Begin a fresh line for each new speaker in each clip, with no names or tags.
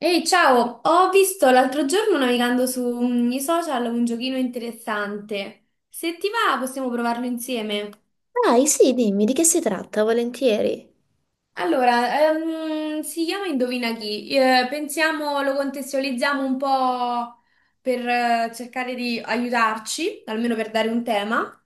Ehi, ciao! Ho visto l'altro giorno navigando sui social un giochino interessante. Se ti va, possiamo provarlo insieme.
Dai, sì, dimmi di che si tratta, volentieri.
Allora, si chiama Indovina chi. Pensiamo, lo contestualizziamo un po' per cercare di aiutarci, almeno per dare un tema.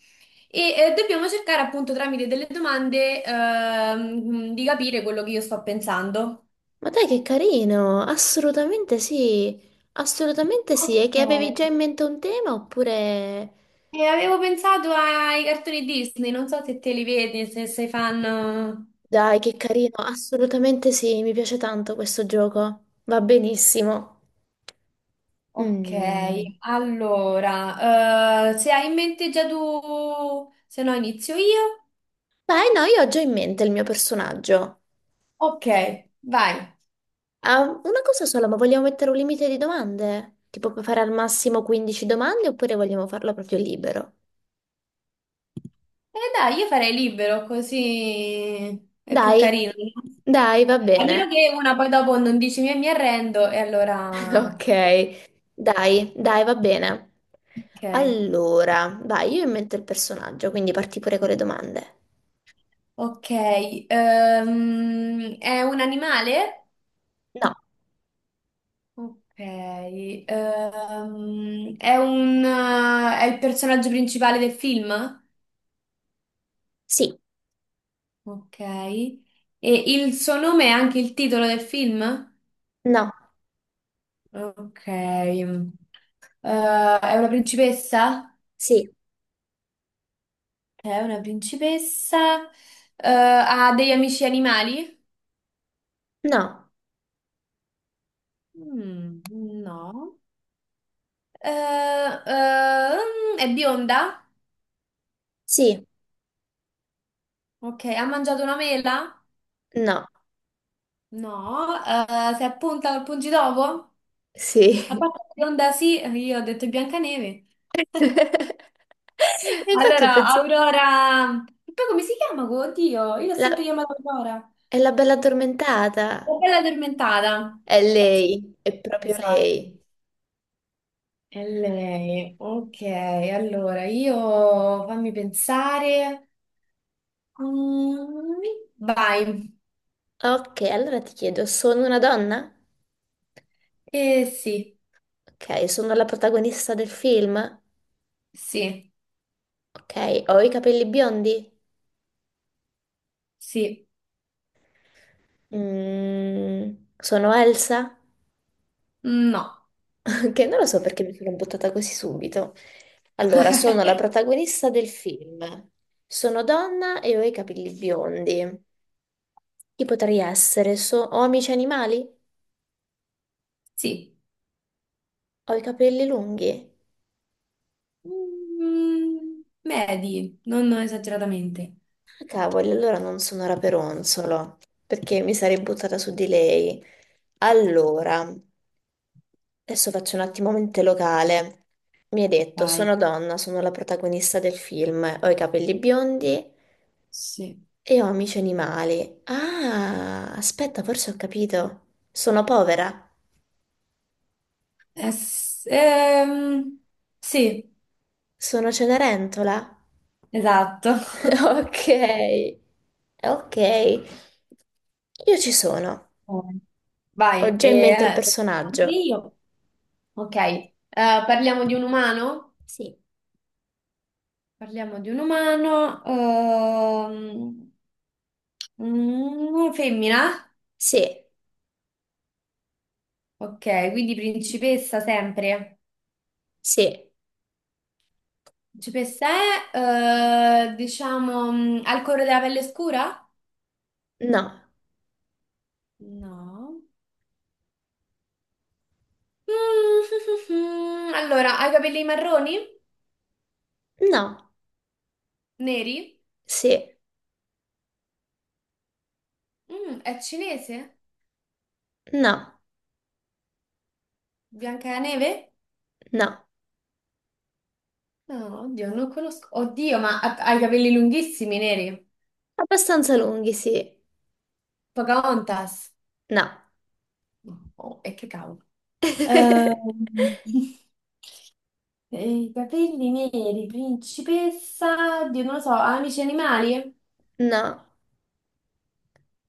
E dobbiamo cercare appunto tramite delle domande di capire quello che io sto pensando.
Ma dai, che carino! Assolutamente sì, assolutamente sì. E
Ok,
che avevi già in mente un tema oppure...
e avevo pensato ai cartoni Disney, non so se te li vedi, se sei fan.
Dai, che carino, assolutamente sì, mi piace tanto questo gioco. Va benissimo.
Ok,
Mm.
allora, se hai in mente già tu, se no inizio io.
Beh, no, io ho già in mente il mio personaggio.
Ok, vai.
Ah, una cosa sola, ma vogliamo mettere un limite di domande? Tipo puoi fare al massimo 15 domande oppure vogliamo farlo proprio libero?
E dai, io farei libero, così è più
Dai,
carino, no?
dai, va bene.
Almeno che una poi dopo non dici mi arrendo, e allora.
Ok, dai, dai, va bene.
Ok,
Allora, vai, io invento il personaggio, quindi parti pure con le domande.
ok. È un animale?
No,
Ok, è il personaggio principale del film?
sì,
Ok, e il suo nome è anche il titolo del film?
no,
Ok, Eh, è una principessa?
sì,
È una principessa. Ha degli amici animali?
no,
Mm, no. Eh, è bionda?
sì,
Ok, ha mangiato una mela?
no,
No. Si è appunta al pungitopo? La
sì.
parte bionda sì, io ho detto Biancaneve.
E infatti ho
Allora,
pensato,
Aurora. E poi come si chiama? Oddio, io l'ho sempre
la-
chiamata Aurora.
è la bella addormentata,
La bella addormentata.
è lei, è proprio
Esatto.
lei.
E lei, ok, allora io fammi pensare. Mm, Vai.
Ok, allora ti chiedo, sono una donna?
Eh sì,
Ok, sono la protagonista del film?
sì,
Ok, ho i capelli biondi?
sì,
Mm, sono Elsa,
no.
che non lo so perché mi sono buttata così subito. Allora, sono la protagonista del film. Sono donna e ho i capelli biondi. Chi potrei essere? Ho amici animali?
Sì.
Ho i capelli lunghi?
Medi, non esageratamente.
Ah, cavoli, allora non sono Raperonzolo, perché mi sarei buttata su di lei. Allora, adesso faccio un attimo mente locale. Mi hai detto,
Vai.
sono donna, sono la protagonista del film, ho i capelli biondi.
Sì.
E ho amici animali. Ah, aspetta, forse ho capito. Sono povera.
Eh, s- ehm, sì,
Sono Cenerentola.
esatto.
Ok, ok. Io ci sono.
Oh.
Ho
Vai,
già
e
in mente il personaggio.
io. Ok, parliamo di un umano?
Sì.
Parliamo di un umano. Femmina?
Sì,
Ok, quindi principessa sempre.
sì,
Principessa è, diciamo, al colore della pelle scura?
no,
No. Allora, ha i capelli marroni?
no,
Neri?
sì,
È cinese?
no,
Biancaneve?
no.
No, oddio, non conosco. Oddio, ma ha i capelli lunghissimi, neri.
Abbastanza lunghi, sì,
Pocahontas.
no.
Oh, e che cavolo. Ehm, I capelli neri, principessa, oddio, non lo so, amici animali?
No,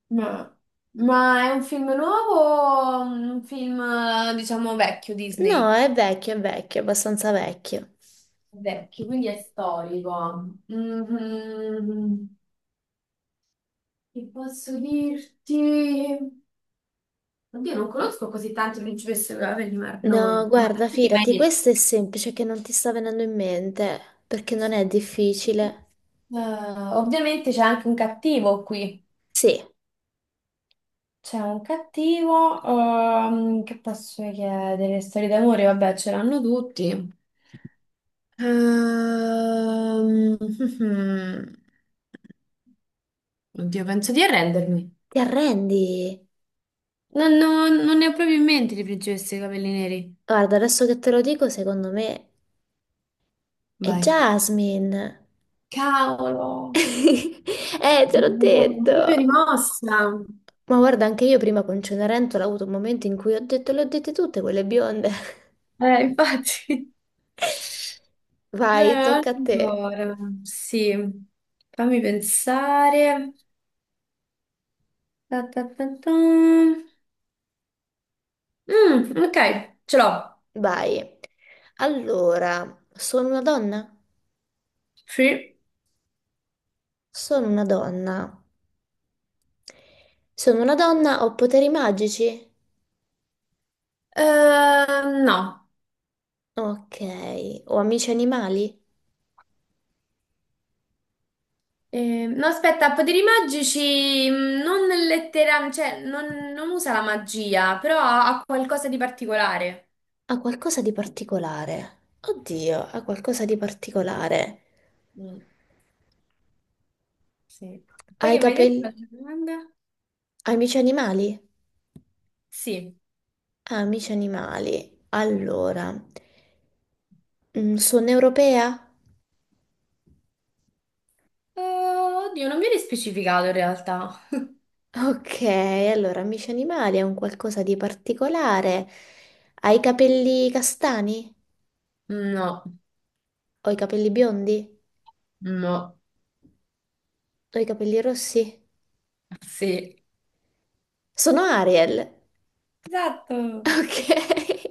No. Ma è un film nuovo o un film, diciamo, vecchio
no,
Disney?
è vecchio, abbastanza vecchio.
Vecchio, quindi è storico. Mhm. Che posso dirti? Oddio, non conosco così tante principesse Gravenor,
No,
no. Ma
guarda,
prima hai
fidati,
detto-
questo è semplice che non ti sta venendo in mente, perché non è difficile.
Eh, Ovviamente c'è anche un cattivo qui.
Sì,
C'è un cattivo, che posso chiedere? Storie d'amore, vabbè, ce l'hanno tutti. Ehm, Oddio, penso di arrendermi.
ti arrendi.
Non ne ho proprio in mente di principesse dei capelli neri.
Guarda, adesso che te lo dico, secondo me è
Vai.
Jasmine.
Cavolo,
Te l'ho
mi sono
detto.
proprio rimossa.
Ma guarda, anche io prima con Cenerentola ho avuto un momento in cui ho detto, le ho dette tutte quelle bionde.
Infatti. Eh,
Vai, tocca a te.
allora, sì, fammi pensare. Ta ta ta ta. Ok, ce l'ho.
Vai. Allora, sono una donna?
Sì.
Sono una donna. Sono una donna, ho poteri magici?
No.
Ok, o amici animali?
No, aspetta, poteri magici non letteralmente, cioè non usa la magia, però ha qualcosa di particolare.
Ha qualcosa di particolare. Oddio, ha qualcosa di particolare.
Mm, sì.
Ha
Poi
i
che mi hai detto?
capelli...
Altra domanda?
Ha amici animali?
Sì.
Ha amici animali. Allora, mm, sono europea?
Oddio, non viene specificato in realtà.
Ok, allora, amici animali è un qualcosa di particolare. Ha i capelli castani?
No.
Ho i capelli biondi?
No,
Ho i capelli rossi?
sì.
Sono Ariel.
Esatto.
Ok,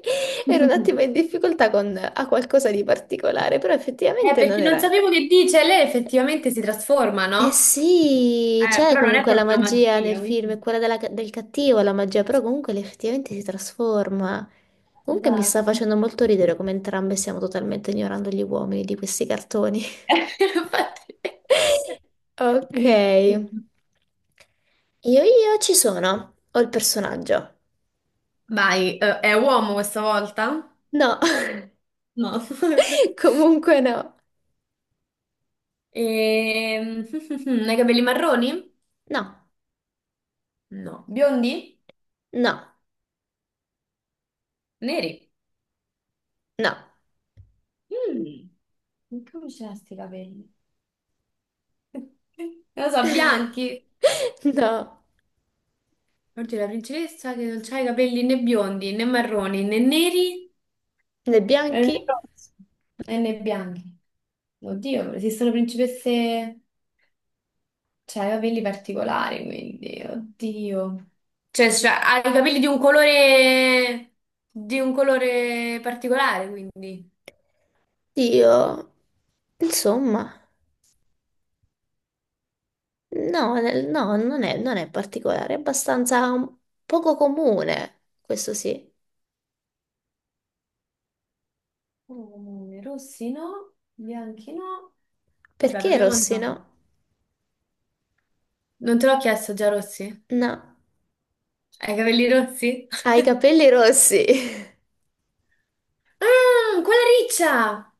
ero un attimo in difficoltà con a qualcosa di particolare, però effettivamente non
Perché non
era.
sapevo che dice, lei effettivamente si trasforma,
Eh
no?
sì, c'è
Però non è
comunque la
proprio una
magia nel
magia,
film,
quindi.
è quella del cattivo, la magia, però comunque lei effettivamente si trasforma. Comunque mi sta
Esatto.
facendo molto ridere come entrambe stiamo totalmente ignorando gli uomini di questi cartoni.
Infatti.
Ok, io ci sono, ho il personaggio.
Vai, è uomo questa volta?
No,
No.
comunque no.
Ehm, Ha i capelli marroni?
No,
No. Biondi?
no,
Neri?
no,
Mm. Come ce l'ha sti capelli? Non lo so, bianchi?
no.
Oddio, la principessa che non c'ha i capelli né biondi né marroni né neri,
Le
Né
bianchi?
rossi, né bianchi. Oddio, esistono principesse, cioè, i capelli particolari, quindi, oddio. Cioè, ha i capelli di un colore particolare, quindi.
Dio, insomma, no, no, non è particolare, è abbastanza poco comune, questo sì.
Rossi no, bianchi no. Vabbè,
Perché
proviamo a
rossi,
andare.
no?
Non te l'ho chiesto già, rossi?
No,
Hai i capelli rossi?
ha i capelli rossi.
Ah, quella riccia!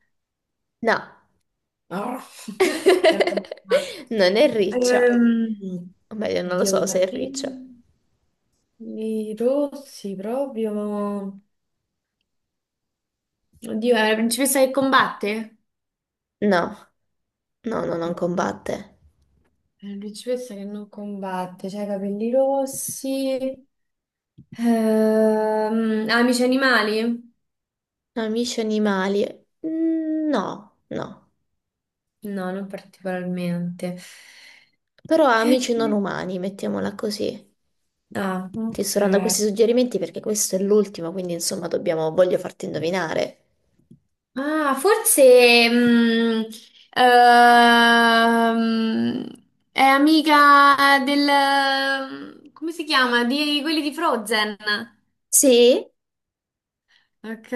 No,
Oh.
non è riccia,
Ehm,
o meglio, non lo
Oddio,
so
i
se è riccia.
capelli rossi proprio. Oddio, è la principessa che combatte?
No, no, no, non combatte.
È la principessa che non combatte, cioè i capelli rossi. Amici animali?
Amici animali? Mm, no, no,
No, non particolarmente.
però ha amici non
Eh,
umani, mettiamola così.
Ah,
Ti
ok.
sto dando questi suggerimenti perché questo è l'ultimo, quindi insomma dobbiamo, voglio farti indovinare.
Ah, forse ehm, è amica del, come si chiama? Di quelli di Frozen.
Sì,
Ok.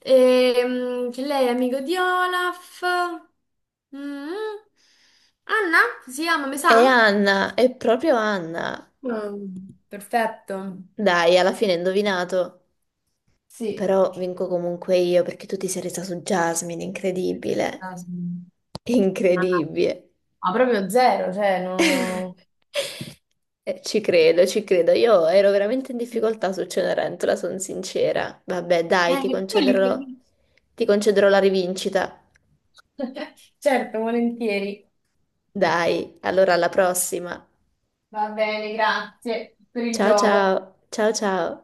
Che lei è amico di Olaf. Mm. Anna si chiama, mi sa?
è Anna, è proprio Anna.
Mm. Perfetto.
Dai, alla fine hai indovinato.
Sì.
Però vinco comunque io perché tu ti sei resa su Jasmine, incredibile.
Ah, no.
Incredibile.
Ma proprio zero, cioè no.
Ci credo, ci credo. Io ero veramente in difficoltà su Cenerentola, sono sincera. Vabbè, dai,
Perché quelli per lì.
ti concederò la rivincita.
Certo, volentieri.
Dai, allora alla prossima.
Va bene, grazie per il
Ciao
gioco.
ciao, ciao ciao.